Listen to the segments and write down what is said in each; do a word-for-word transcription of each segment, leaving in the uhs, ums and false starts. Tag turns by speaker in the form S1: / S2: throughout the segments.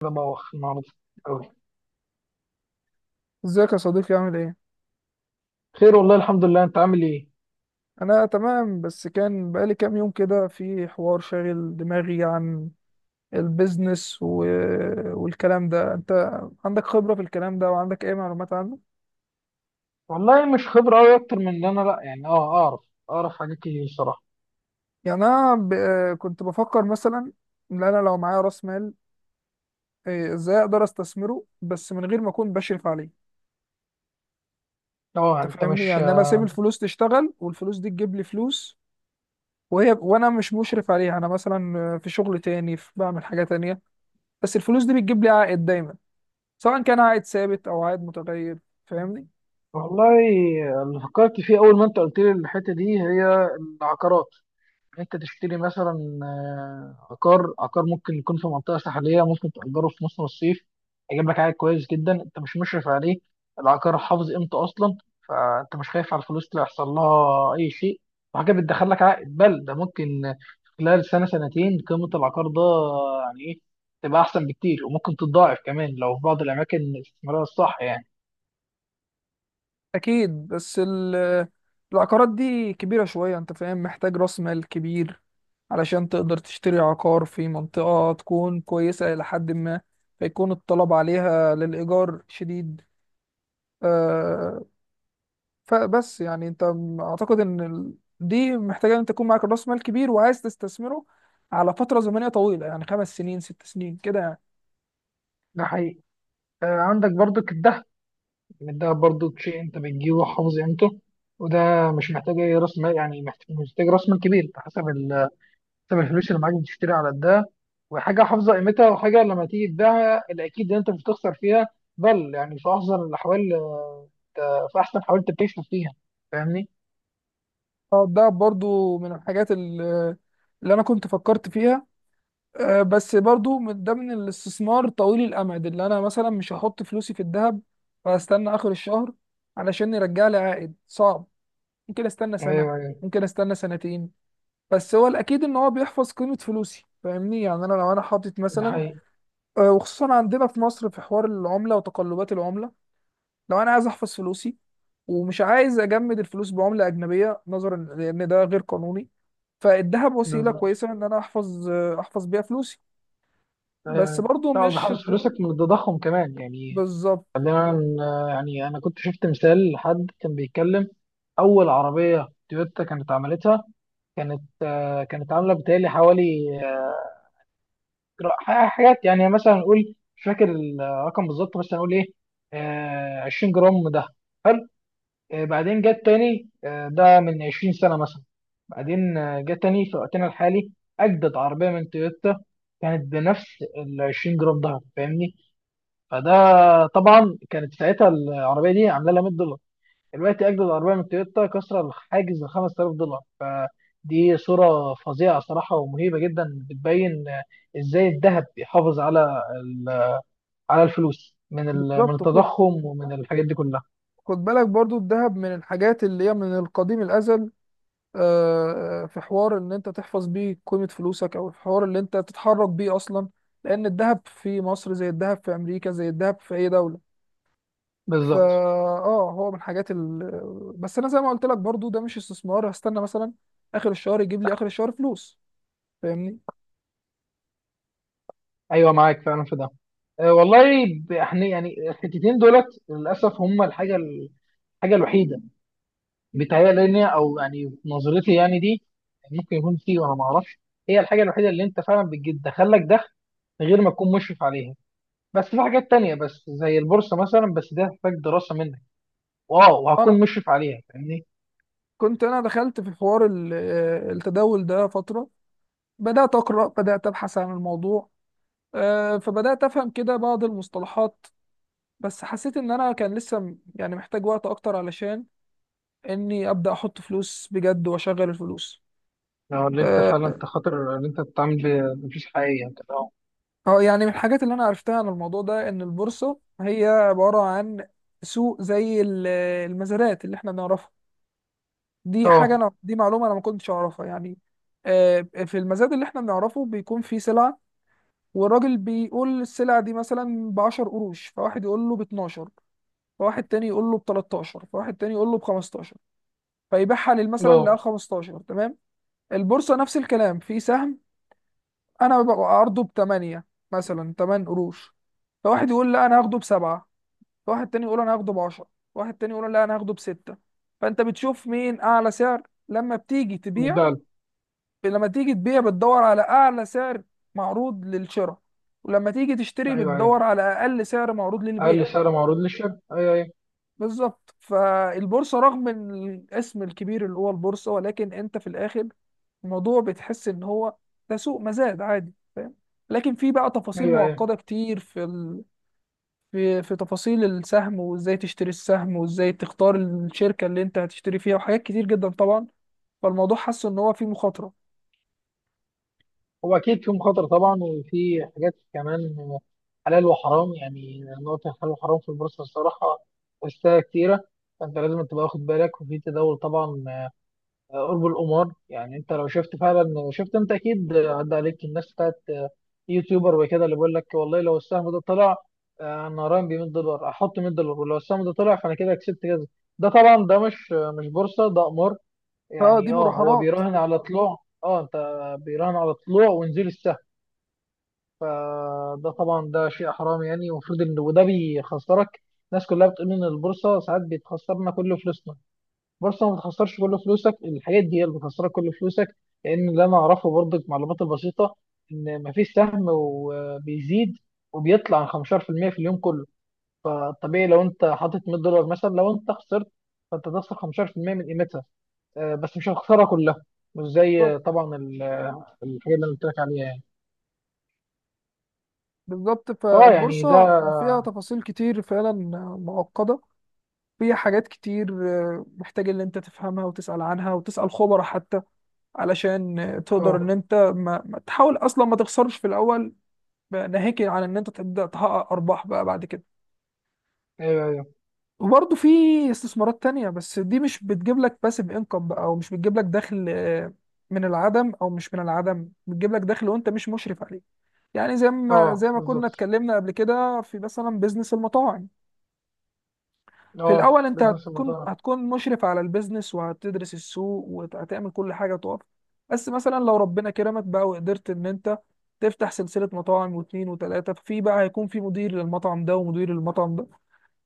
S1: كده بوخ النهارده قوي.
S2: ازيك يا صديقي، عامل ايه؟
S1: خير والله، الحمد لله. انت عامل ايه؟
S2: انا تمام، بس كان بقالي كام يوم كده في حوار شاغل دماغي عن البيزنس و... والكلام ده. انت عندك خبرة في الكلام ده وعندك اي معلومات عنه؟
S1: والله مش خبره قوي اكتر من ان انا لا، يعني اه اعرف اعرف حاجات كتير الصراحه.
S2: يعني انا ب... كنت بفكر مثلا ان انا لو معايا راس مال، إيه، ازاي اقدر استثمره بس من غير ما اكون بشرف عليه.
S1: اه
S2: انت
S1: انت
S2: فاهمني؟
S1: مش
S2: يعني انا اسيب الفلوس تشتغل، والفلوس دي تجيب لي فلوس وهي وانا مش مشرف عليها. انا مثلا في شغل تاني، في بعمل حاجة تانية، بس الفلوس دي بتجيب لي عائد دايما، سواء كان عائد ثابت او عائد متغير. فاهمني.
S1: والله، اللي فكرت فيه اول ما انت قلت لي الحته دي هي العقارات. انت تشتري مثلا، آه، عقار عقار ممكن يكون في منطقه ساحليه، ممكن تاجره في موسم الصيف، هيجيب لك عائد كويس جدا. انت مش مشرف عليه، العقار حافظ قيمته اصلا، فانت مش خايف على الفلوس اللي يحصل لها اي شيء. وحاجه بتدخل لك عائد، بل ده ممكن خلال سنه سنتين قيمه العقار ده، يعني ايه، تبقى احسن بكتير، وممكن تتضاعف كمان لو في بعض الاماكن الاستثماريه الصح يعني.
S2: اكيد، بس ال- العقارات دي كبيره شويه، انت فاهم، محتاج راس مال كبير علشان تقدر تشتري عقار في منطقه تكون كويسه الى حد ما، فيكون الطلب عليها للايجار شديد. آه، فبس يعني انت م- اعتقد ان ال- دي محتاجه ان انت تكون معاك راس مال كبير وعايز تستثمره على فتره زمنيه طويله، يعني خمس سنين ست سنين كده يعني.
S1: ده حقيقي. آه، عندك برضو الذهب، إن الدهب برضه شيء أنت بتجيبه حافظ قيمته. وده مش محتاج أي رأس مال، يعني محتاج مش محتاج رأس مال كبير. أنت حسب ال- حسب الفلوس اللي معاك بتشتري على الدهب، وحاجة حافظة قيمتها. وحاجة لما تيجي تبيعها الأكيد إن أنت مش هتخسر فيها، بل يعني في أحسن الأحوال، آه، أنت في أحسن حاول تكتشف فيها. فاهمني؟
S2: اه، ده برضو من الحاجات ال- اللي انا كنت فكرت فيها. آه، بس برضو من ده، من الاستثمار طويل الامد. اللي انا مثلا مش هحط فلوسي في الذهب واستنى اخر الشهر علشان يرجع لي عائد، صعب. ممكن استنى سنة،
S1: أيوه، أيوه.
S2: ممكن استنى سنتين، بس هو الاكيد ان هو بيحفظ قيمة فلوسي. فاهمني؟ يعني انا لو انا حاطط
S1: ده
S2: مثلا،
S1: حقيقي.
S2: آه، وخصوصا عندنا في مصر في حوار العملة وتقلبات العملة، لو انا عايز احفظ فلوسي ومش عايز اجمد الفلوس بعمله اجنبيه نظرا لان ده غير قانوني، فالذهب وسيله
S1: بالظبط.
S2: كويسه ان انا احفظ احفظ بيها فلوسي.
S1: أيوه،
S2: بس
S1: أيوه.
S2: برضو
S1: لا،
S2: مش
S1: وبيحافظ فلوسك من التضخم كمان يعني.
S2: بالظبط.
S1: خلينا ن- يعني أنا كنت شفت مثال لحد كان بيتكلم. أول عربية تويوتا كانت عملتها، كانت، آه، كانت عامله بتهيألي حوالي، آه، حاجات، يعني مثلا نقول مش فاكر الرقم بالظبط، بس هنقول ايه، آه 20 جرام ده، حلو. آه بعدين جه التاني، آه ده من 20 سنه مثلا. بعدين، آه، جه التاني في وقتنا الحالي، اجدد عربيه من تويوتا كانت بنفس ال 20 جرام ده، فاهمني؟ فده، طبعا كانت ساعتها العربيه دي عامله لها ميت دولار، دلوقتي اجدد عربيه من تويوتا كسر الحاجز ال خمس تلاف دولار. فدي صوره فظيعه صراحه، ومهيبه جدا، بتبين ازاي الذهب بيحافظ على ال- على الفلوس من ال- من
S2: بالظبط. خد،
S1: التضخم، ومن الحاجات دي كلها.
S2: خد بالك برضو الذهب من الحاجات اللي هي من القديم الازل، آه، آه، في حوار ان انت تحفظ بيه قيمه فلوسك، او الحوار اللي انت تتحرك بيه اصلا، لان الذهب في مصر زي الذهب في امريكا زي الذهب في اي دوله. فا
S1: بالظبط.
S2: اه، هو من الحاجات ال... بس انا زي ما قلت لك، برضو ده مش استثمار هستنى مثلا اخر الشهر يجيب لي اخر الشهر فلوس. فاهمني.
S1: ايوه، معاك فعلا في ده. أه والله. ب- احنا، يعني الحتتين دولت للاسف هم الحاجه الحاجه الوحيده بيتهيألي لنا، او يعني في نظرتي، يعني دي ممكن يكون فيه وانا ما اعرفش، هي الحاجه الوحيده اللي انت فعلا بتدخل لك دخل غير ما تكون مشرف عليها. بس في حاجات تانية، بس زي البورصة مثلا، بس دي هتحتاج دراسة منك، واو
S2: انا
S1: وهكون مشرف عليها، فاهمني؟
S2: كنت انا دخلت في حوار ال- آه، التداول ده فترة، بدأت اقرأ، بدأت ابحث عن الموضوع. آه، فبدأت افهم كده بعض المصطلحات، بس حسيت ان انا كان لسه م- يعني محتاج وقت اكتر علشان اني ابدأ احط فلوس بجد واشغل الفلوس.
S1: لو اللي انت
S2: آه،
S1: فعلا، انت خاطر، اللي انت بتتعامل ب- بفلوس حقيقية، انت اه.
S2: اه يعني من الحاجات اللي انا عرفتها عن الموضوع ده ان البورصه هي عباره عن سوق زي ال- المزادات اللي احنا بنعرفها. دي حاجه،
S1: اه.
S2: انا دي معلومه انا ما كنتش اعرفها يعني. آه، في المزاد اللي احنا بنعرفه بيكون فيه سلعه، والراجل بيقول السلعه دي مثلا ب عشرة قروش، فواحد يقول له ب اتناشر، فواحد تاني يقول له ب تلتاشر، فواحد تاني يقول له ب خمستاشر، فيبيعها لل- مثلا
S1: اه.
S2: ل خمستاشر. تمام. البورصه نفس الكلام، في سهم انا ببقى عرضه ب تمنية، مثلا تمنية قروش، فواحد يقول لا انا هاخده بسبعة، واحد تاني يقول انا هاخده ب عشرة، واحد تاني يقول لا انا هاخده بستة. فانت بتشوف مين اعلى سعر لما بتيجي تبيع.
S1: بالدعم.
S2: لما تيجي تبيع بتدور على اعلى سعر معروض للشراء، ولما تيجي تشتري
S1: ايوه، ايوه.
S2: بتدور على اقل سعر معروض
S1: اقل
S2: للبيع.
S1: سعر معروض للشركة. ايوه، ايوه.
S2: بالظبط. فالبورصة، رغم الاسم الكبير اللي هو البورصة، ولكن انت في الاخر الموضوع بتحس ان هو ده سوق مزاد عادي، فاهم. لكن في بقى تفاصيل
S1: ايوه، ايوه.
S2: معقدة كتير، في في في تفاصيل السهم، وازاي تشتري السهم، وازاي تختار الشركة اللي انت هتشتري فيها، وحاجات كتير جدا طبعا. فالموضوع حاسس ان هو فيه مخاطرة.
S1: هو اكيد في مخاطرة طبعا، وفي حاجات كمان حلال وحرام، يعني نقطة حلال وحرام في البورصة الصراحة، أشياء كتيرة. فأنت لازم تبقى واخد بالك. وفي تداول طبعا، آه، قرب القمار، يعني انت لو شفت فعلا، شفت، انت اكيد عدى عليك الناس بتاعت، آه، يوتيوبر وكده، اللي بيقول لك: والله لو السهم ده طلع، آه، انا راهن ب مية دولار، احط مية دولار، ولو السهم ده طلع فانا كده كسبت كذا. ده طبعا ده مش مش بورصه، ده قمار.
S2: فدي
S1: يعني اه، هو
S2: مراهنات.
S1: بيراهن على طلوع. اه انت، بيراهن على طلوع ونزول السهم. فده طبعا ده شيء حرام، يعني المفروض ان، وده بيخسرك. الناس كلها بتقول ان البورصه ساعات بتخسرنا كل فلوسنا. بورصة ما بتخسرش كل فلوسك، الحاجات دي هي اللي بتخسرك كل فلوسك. لأن اللي أنا أعرفه برضك، معلومات البسيطة، إن مفيش سهم وبيزيد وبيطلع عن خمستاشر في المية في المية في اليوم كله. فالطبيعي لو أنت حاطط مية دولار مثلا، لو أنت خسرت فأنت تخسر خمستاشر في المية من قيمتها. آه، بس مش هتخسرها كلها، مش
S2: بالظبط.
S1: زي طبعا ال- الحاجة اللي أنا قلت لك عليها يعني.
S2: بالظبط،
S1: فأه يعني ده.
S2: فالبورصة فيها تفاصيل كتير فعلا معقدة، فيها حاجات كتير، آه، محتاج ان انت تفهمها وتسأل عنها وتسأل خبراء حتى، علشان آه، تقدر ان
S1: أه،
S2: انت ما ما تحاول اصلا ما تخسرش في الاول، ناهيك عن ان انت تبدأ تحقق ارباح بقى بعد كده.
S1: أيوه، أيوه.
S2: وبرضه في استثمارات تانية، بس دي مش بتجيب لك باسيف انكم بقى، او مش بتجيب لك دخل، آه، من العدم، او مش من العدم، بتجيب لك دخل وانت مش مشرف عليه. يعني زي ما
S1: أه
S2: زي ما كنا
S1: بالظبط،
S2: اتكلمنا قبل كده في مثلا بيزنس المطاعم. في
S1: أه
S2: الاول انت
S1: بزنس
S2: هتكون
S1: المطاعم.
S2: هتكون مشرف على البيزنس وهتدرس السوق وهتعمل كل حاجة تقف، بس مثلا لو ربنا كرمك بقى وقدرت ان انت تفتح سلسلة مطاعم واثنين وثلاثة، في بقى هيكون في مدير للمطعم ده ومدير للمطعم ده،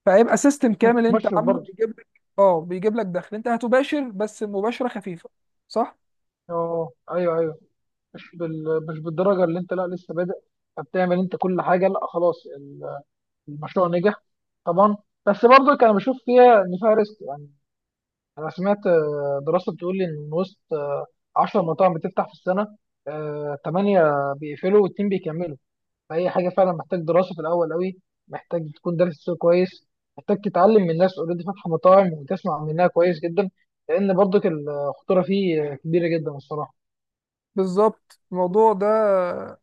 S2: فهيبقى سيستم
S1: أنت
S2: كامل انت
S1: مشرف
S2: عامله
S1: برضه.
S2: بيجيب لك. اه، بيجيب لك دخل، انت هتباشر بس مباشرة خفيفة. صح.
S1: أه، أيوه، أيوه. مش بال... مش بالدرجه اللي انت، لا، لسه بادئ، فبتعمل انت كل حاجه. لا، خلاص ال- المشروع نجح طبعا. بس برضك انا بشوف فيها ان فيها ريسك يعني. انا سمعت، آه، دراسه بتقول لي ان من وسط عشرة مطاعم بتفتح في السنه، ثمانية بيقفلوا واثنين بيكملوا. فهي حاجه فعلا محتاج دراسه في الاول قوي، محتاج تكون دارس السوق كويس، محتاج تتعلم من ناس اوريدي فاتحه مطاعم وتسمع منها كويس جدا، لان برضك الخطوره فيه كبيره جدا الصراحه.
S2: بالظبط. الموضوع ده،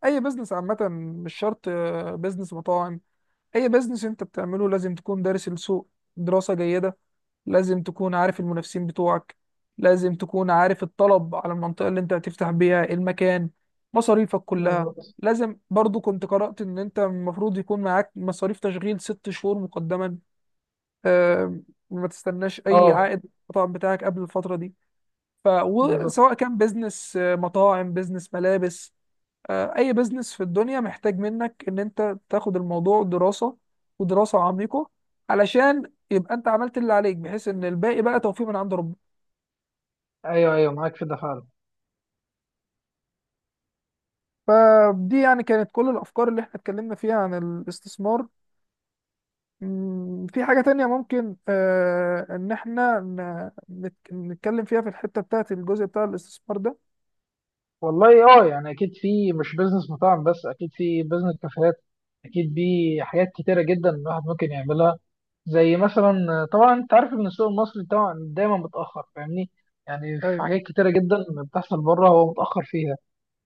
S2: اي بزنس عامة، مش شرط آه، بزنس مطاعم، اي بزنس انت بتعمله لازم تكون دارس السوق دراسة جيدة، لازم تكون عارف المنافسين بتوعك، لازم تكون عارف الطلب على المنطقة اللي انت هتفتح بيها المكان، مصاريفك كلها.
S1: بالظبط.
S2: لازم برضو، كنت قرأت ان انت المفروض يكون معاك مصاريف تشغيل ست شهور مقدما، آه، ما تستناش اي
S1: اه
S2: عائد من المطعم بتاعك قبل الفتره دي. ف
S1: بالظبط.
S2: وسواء كان بيزنس آه، مطاعم، بيزنس ملابس، آه، اي بيزنس في الدنيا محتاج منك ان انت تاخد الموضوع دراسه، ودراسه عميقه، علشان يبقى انت عملت اللي عليك، بحيث ان الباقي بقى توفيق من عند ربنا.
S1: ايوه، ايوه، معاك في ده فعلا.
S2: فدي يعني كانت كل الافكار اللي احنا اتكلمنا فيها عن الاستثمار. مم، في حاجة تانية ممكن آه، إن إحنا ن- نتك- نتكلم فيها في الحتة بتاعت الجزء بتاع الاستثمار ده؟
S1: والله اه، يعني اكيد في مش بزنس مطاعم بس، اكيد في بزنس كافيهات، اكيد في حاجات كتيره جدا الواحد ممكن يعملها. زي مثلا طبعا، انت عارف ان السوق المصري طبعا دايما متاخر، فاهمني؟ يعني في حاجات كتيره جدا بتحصل بره هو متاخر فيها.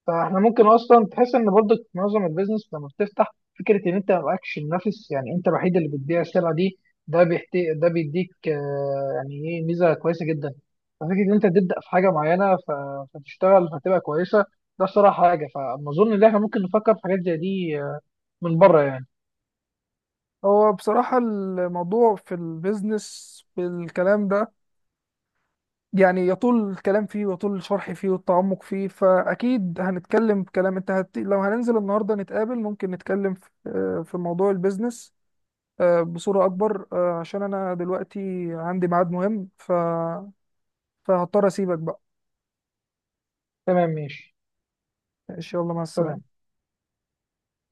S1: فاحنا ممكن اصلا تحس ان برضك معظم البيزنس لما بتفتح، فكره ان انت ما معكش منافس، يعني انت الوحيد اللي بتبيع السلعه دي، ده بيحتي، ده بيديك، آه، يعني ايه، ميزه كويسه جدا. ففكره ان انت تبدا في حاجه معينه ف- فتشتغل فتبقى كويسه، ده الصراحه حاجه. فاظن ان احنا ممكن نفكر في حاجات زي دي، آه، من بره يعني.
S2: هو بصراحة الموضوع في البيزنس بالكلام ده، يعني يطول الكلام فيه ويطول الشرح فيه والتعمق فيه، فأكيد هنتكلم بكلام، أنت هت... لو هننزل النهاردة نتقابل ممكن نتكلم في آه، في موضوع البيزنس آه، بصورة أكبر. آه، عشان أنا دلوقتي عندي ميعاد مهم، ف... فهضطر أسيبك بقى.
S1: تمام، ماشي.
S2: إن شاء الله، مع السلامة.
S1: سلام.